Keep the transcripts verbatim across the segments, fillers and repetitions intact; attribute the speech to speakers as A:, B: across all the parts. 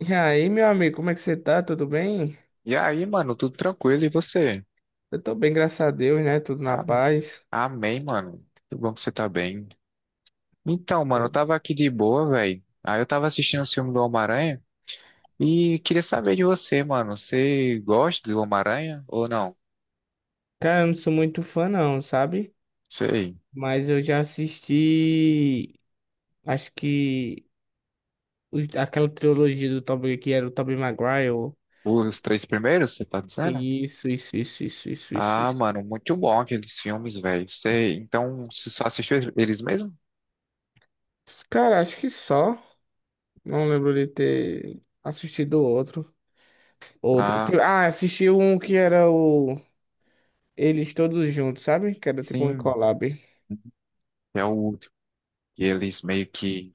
A: E aí, meu amigo, como é que você tá? Tudo bem?
B: E aí, mano, tudo tranquilo e você?
A: Eu tô bem, graças a Deus, né? Tudo na
B: Ah,
A: paz.
B: amém, mano. Que bom que você tá bem. Então, mano, eu
A: É.
B: tava aqui de boa, velho. Aí eu tava assistindo o filme do Homem-Aranha e queria saber de você, mano. Você gosta do Homem-Aranha ou não?
A: Cara, eu não sou muito fã, não, sabe?
B: Sei.
A: Mas eu já assisti, acho que os- aquela trilogia do Tobey, que era o Tobey Maguire.
B: Os três primeiros, você tá dizendo?
A: Isso, isso, isso, isso, isso, isso,
B: Ah,
A: isso.
B: mano, muito bom aqueles filmes, velho. Sei. Então, você só assistiu eles mesmo?
A: Cara, acho que só. Não lembro de ter assistido outro. Outro.
B: Ah,
A: Tipo, ah, assisti um que era o Eles Todos Juntos, sabe? Que era tipo um
B: sim.
A: collab.
B: É o último. E eles meio que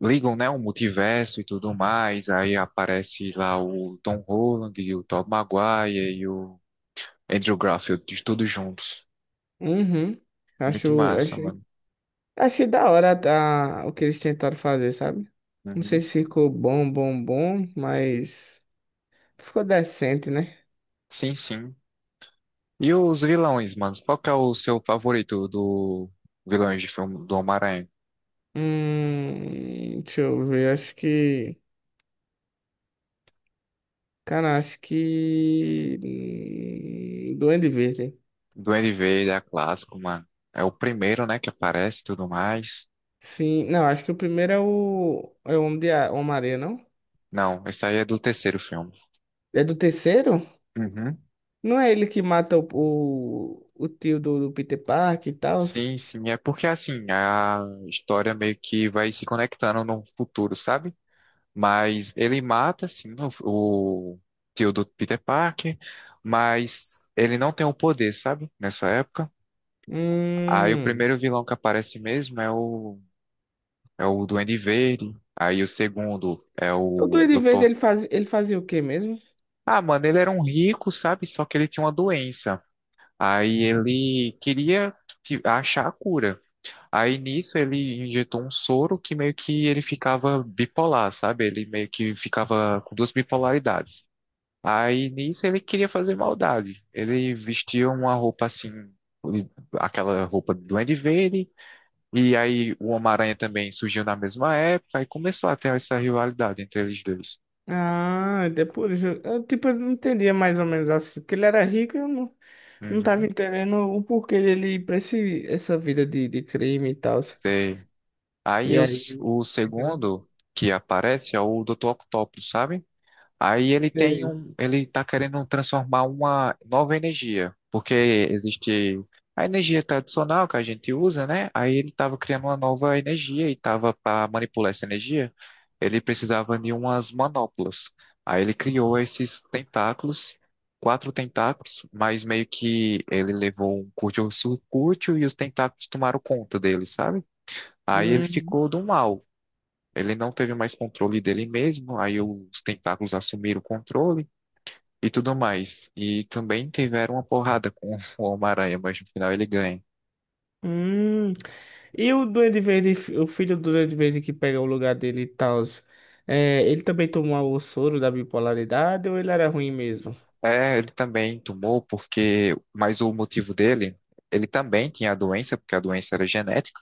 B: ligam, né, o multiverso e tudo mais, aí aparece lá o Tom Holland e o Tobey Maguire e o Andrew Garfield, de todos juntos.
A: Uhum.
B: Muito
A: Acho.
B: massa, mano.
A: Achei da hora tá, o que eles tentaram fazer, sabe? Não sei se
B: Uhum.
A: ficou bom, bom, bom, mas ficou decente, né?
B: Sim, sim. E os vilões, mano? Qual que é o seu favorito do vilões de filme do Homem-Aranha?
A: Hum, deixa eu ver, acho que. Cara, acho que. hum, Duende Verde.
B: Do N V, é clássico, mano. É o primeiro, né, que aparece e tudo mais.
A: Sim, não, acho que o primeiro é o. É o Homem de A- Homem-Aranha, não?
B: Não, esse aí é do terceiro filme.
A: É do terceiro?
B: Uhum.
A: Não é ele que mata o, o, o tio do, do Peter Parker e tal?
B: Sim, sim, é porque assim, a história meio que vai se conectando no futuro, sabe? Mas ele mata, sim, o, o tio do Peter Parker, mas ele não tem o poder, sabe? Nessa época. Aí o
A: Hum.
B: primeiro vilão que aparece mesmo é o, é o Duende Verde. Aí o segundo é
A: O
B: o
A: Duende Verde
B: Doutor.
A: ele faz, ele fazia o quê mesmo?
B: Ah, mano, ele era um rico, sabe? Só que ele tinha uma doença. Aí ele queria que- achar a cura. Aí nisso ele injetou um soro que meio que ele ficava bipolar, sabe? Ele meio que ficava com duas bipolaridades. Aí nisso ele queria fazer maldade. Ele vestia uma roupa assim, aquela roupa do Duende Verde, e aí o Homem-Aranha também surgiu na mesma época, e começou a ter essa rivalidade entre eles dois.
A: Ah, depois eu, eu, tipo, eu não entendia mais ou menos assim, porque ele era rico e eu não, não tava
B: Uhum,
A: entendendo o porquê dele ir pra esse, essa vida de, de crime e tal.
B: sei.
A: E
B: Aí
A: aí,
B: os- o
A: eu não
B: segundo que aparece é o doutor Octopus, sabe? Aí ele tem
A: sei.
B: um, ele está querendo transformar uma nova energia, porque existe a energia tradicional que a gente usa, né? Aí ele estava criando uma nova energia e estava para manipular essa energia, ele precisava de umas manoplas. Aí ele criou esses tentáculos, quatro tentáculos, mas meio que ele levou um curto-circuito e os tentáculos tomaram conta dele, sabe? Aí ele
A: Hum,
B: ficou do mal. Ele não teve mais controle dele mesmo, aí os tentáculos assumiram o controle e tudo mais. E também tiveram uma porrada com o Homem-Aranha, mas no final ele ganha.
A: hum. E o Duende Verde, o filho do Duende Verde que pega o lugar dele e tal, é, ele também tomou o soro da bipolaridade ou ele era ruim mesmo?
B: É, ele também tomou porque, mas o motivo dele, ele também tinha a doença, porque a doença era genética,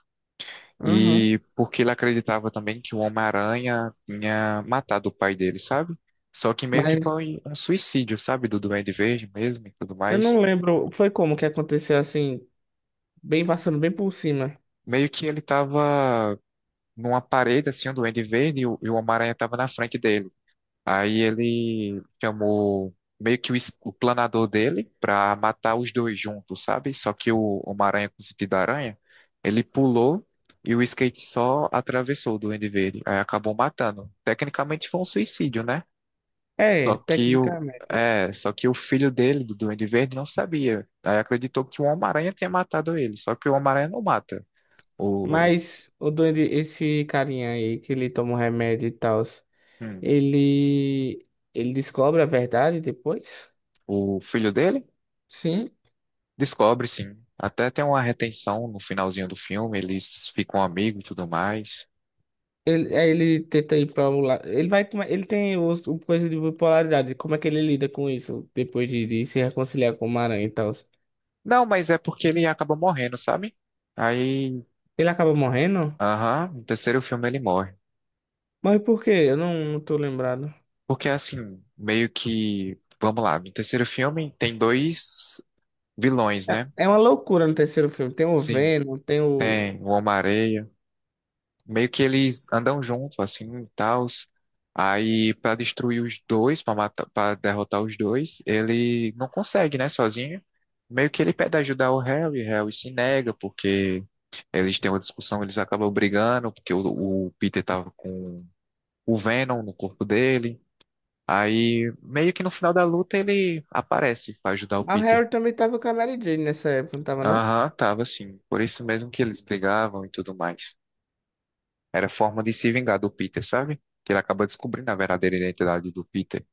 A: Uhum.
B: e porque ele acreditava também que o Homem-Aranha tinha matado o pai dele, sabe? Só que meio que
A: Mas
B: foi um suicídio, sabe? Do Duende Verde mesmo e tudo
A: eu
B: mais.
A: não lembro, foi como que aconteceu assim, bem passando bem por cima.
B: Meio que ele tava numa parede, assim, um duende verde, e o, e o Homem-Aranha tava na frente dele. Aí ele chamou meio que o, es- o planador dele pra matar os dois juntos, sabe? Só que o Homem-Aranha com sentido da aranha, ele pulou e o skate só atravessou o duende verde. Aí acabou matando. Tecnicamente foi um suicídio, né? Só
A: É,
B: que o,
A: tecnicamente.
B: é, Só que o filho dele, do Duende Verde, não sabia. Aí acreditou que o Homem-Aranha tinha matado ele. Só que o Homem-Aranha não mata o,
A: Mas o doente, esse carinha aí que ele toma o remédio e tal,
B: hum,
A: ele ele descobre a verdade depois?
B: o filho dele.
A: Sim.
B: Descobre, sim. Até tem uma retenção no finalzinho do filme, eles ficam amigos e tudo mais.
A: Ele, aí ele tenta ir pra um lado. Ele vai, tomar- ele tem o, o coisa de bipolaridade. Como é que ele lida com isso depois de, de se reconciliar com o Maranhão e tal?
B: Não, mas é porque ele acaba morrendo, sabe? Aí,
A: Ele acaba morrendo?
B: aham, no terceiro filme ele morre.
A: Mas por quê? Eu não, não tô lembrado.
B: Porque assim, meio que, vamos lá, no terceiro filme tem dois vilões,
A: É,
B: né?
A: é uma loucura no terceiro filme. Tem o
B: Sim,
A: Venom, tem o.
B: tem o Homem-Aranha meio que eles andam junto assim e tal. Aí pra destruir os dois, pra matar, para derrotar os dois, ele não consegue, né, sozinho. Meio que ele pede ajuda ao Harry, Harry se nega porque eles têm uma discussão, eles acabam brigando porque o, o Peter tava com o Venom no corpo dele. Aí meio que no final da luta ele aparece pra ajudar o
A: Ah, o
B: Peter.
A: Harry também tava com a Mary Jane nessa época, não tava não?
B: Aham, tava assim. Por isso mesmo que eles brigavam e tudo mais. Era forma de se vingar do Peter, sabe? Que ele acaba descobrindo a verdadeira identidade do Peter.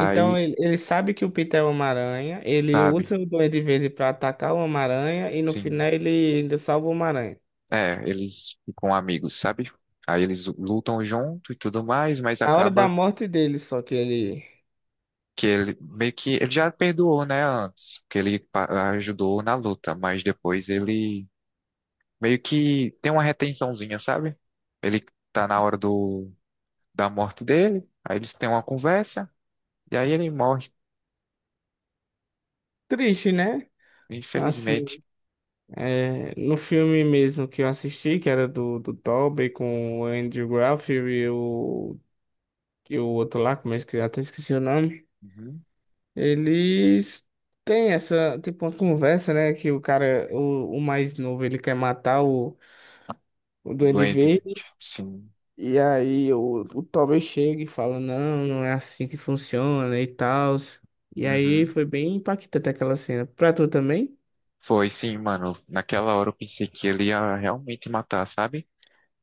A: Então ele, ele sabe que o Peter é o Homem-Aranha, ele
B: sabe?
A: usa o Duende Verde pra atacar o Homem-Aranha e no
B: Sim.
A: final ele ainda salva o Homem-Aranha.
B: É, eles ficam amigos, sabe? Aí eles lutam junto e tudo mais, mas
A: Na hora da
B: acaba
A: morte dele, só que ele.
B: que ele meio que ele já perdoou, né, antes, porque ele pa- ajudou na luta, mas depois ele meio que tem uma retençãozinha, sabe? Ele tá na hora do da morte dele, aí eles têm uma conversa e aí ele morre,
A: Triste, né? Assim,
B: infelizmente.
A: é, no filme mesmo que eu assisti, que era do, do Tobey com o Andrew Garfield e o, e o outro lá, como é que até esqueci o nome,
B: Uhum.
A: eles têm essa, tipo, uma conversa, né? Que o cara, o, o mais novo, ele quer matar o, o Duende
B: Doente,
A: Verde.
B: sim.
A: E aí o, o Toby chega e fala, não, não é assim que funciona e tal. E aí
B: Uhum.
A: foi bem impactante aquela cena. Pra tu também?
B: Foi sim, mano. Naquela hora eu pensei que ele ia realmente matar, sabe?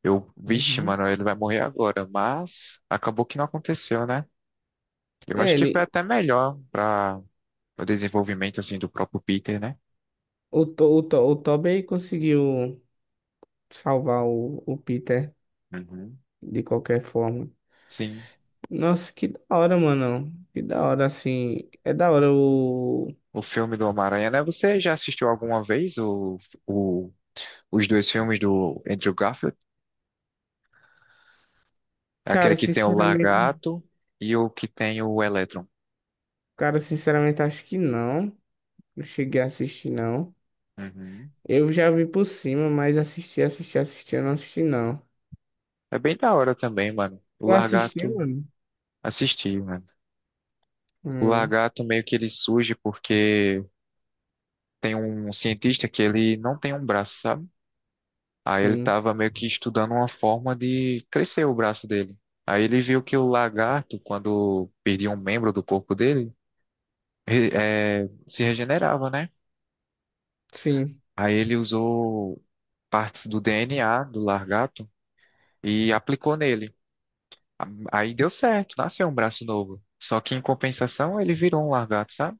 B: Eu, vixe,
A: Uhum.
B: mano, ele vai morrer agora, mas acabou que não aconteceu, né? Eu
A: É,
B: acho que foi
A: ele,
B: até melhor para o desenvolvimento assim do próprio Peter, né?
A: o, To- o, To- o Toby conseguiu salvar o, o Peter
B: Uhum.
A: de qualquer forma.
B: Sim.
A: Nossa, que da hora, mano. Que da hora, assim. É da hora o.
B: O filme do Homem-Aranha, né? Você já assistiu alguma vez o, o, os dois filmes do Andrew Garfield? É aquele
A: Cara,
B: que tem o
A: sinceramente.
B: Largato e o que tem o Electron.
A: Cara, sinceramente, acho que não. Não cheguei a assistir, não.
B: Uhum.
A: Eu já vi por cima, mas assisti, assisti, assisti, eu não assisti, não.
B: É bem da hora também, mano. O
A: Eu assisti.
B: Largato assisti, mano. O
A: Hum,
B: lagarto meio que ele surge porque tem um cientista que ele não tem um braço, sabe? Aí ele
A: sim,
B: tava meio que estudando uma forma de crescer o braço dele. Aí ele viu que o lagarto, quando perdia um membro do corpo dele, re- eh, se regenerava, né?
A: sim.
B: Aí ele usou partes do D N A do lagarto e aplicou nele. A- Aí deu certo, nasceu um braço novo. Só que em compensação ele virou um lagarto, sabe?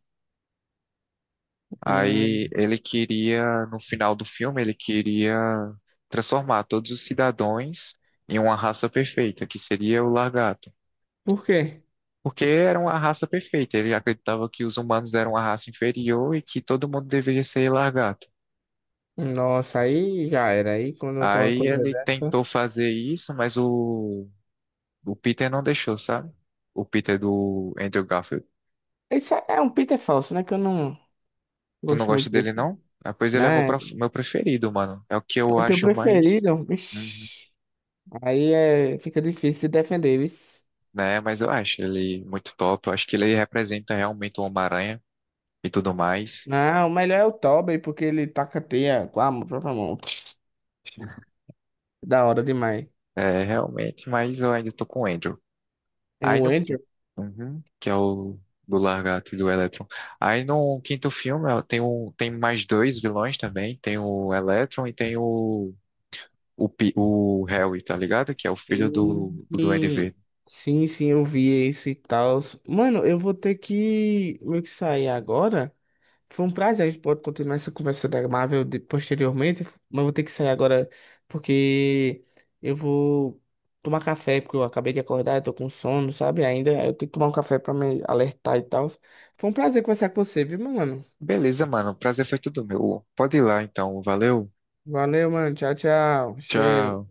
B: Aí
A: Hum,
B: ele queria, no final do filme, ele queria transformar todos os cidadãos em uma raça perfeita, que seria o Largato.
A: por quê?
B: Porque era uma raça perfeita, ele acreditava que os humanos eram uma raça inferior e que todo mundo deveria ser Largato.
A: Nossa, aí já era. Aí quando com uma
B: Aí
A: coisa
B: ele
A: dessa.
B: tentou fazer isso, mas o, o Peter não deixou, sabe? O Peter do Andrew Garfield.
A: Isso é um Peter falso, né? Que eu não
B: Tu não
A: gosto
B: gosta
A: muito
B: dele,
A: desse.
B: não? Ah, pois ele é meu,
A: Né?
B: prof- meu preferido, mano. É o que eu
A: É teu
B: acho mais.
A: preferido.
B: Hum,
A: Ixi, aí é, fica difícil de defender, isso.
B: né? Mas eu acho ele muito top. Eu acho que ele representa realmente o Homem-Aranha e tudo mais.
A: Não, o melhor é o Tobey, porque ele taca teia com a própria mão. Da hora demais.
B: É, realmente, mas eu ainda tô com o Andrew.
A: É
B: Aí
A: o
B: no.
A: Andrew.
B: Uhum, que é o do Largato e do Electron. Aí no quinto filme ó, tem, um, tem mais dois vilões também. Tem o Electron e tem o. O, Pi- o Harry, tá ligado? Que é o filho
A: Sim,
B: do, do Duende Verde.
A: sim, sim, eu vi isso e tal. Mano, eu vou ter que meio que sair agora. Foi um prazer, a gente pode continuar essa conversa da Marvel de- posteriormente, mas vou ter que sair agora porque eu vou tomar café, porque eu acabei de acordar, eu tô com sono, sabe? Ainda eu tenho que tomar um café pra me alertar e tal. Foi um prazer conversar com você, viu, meu mano?
B: Beleza, mano. O prazer foi tudo meu. Pode ir lá, então. Valeu.
A: Valeu, mano. Tchau, tchau. Cheiro.
B: Tchau.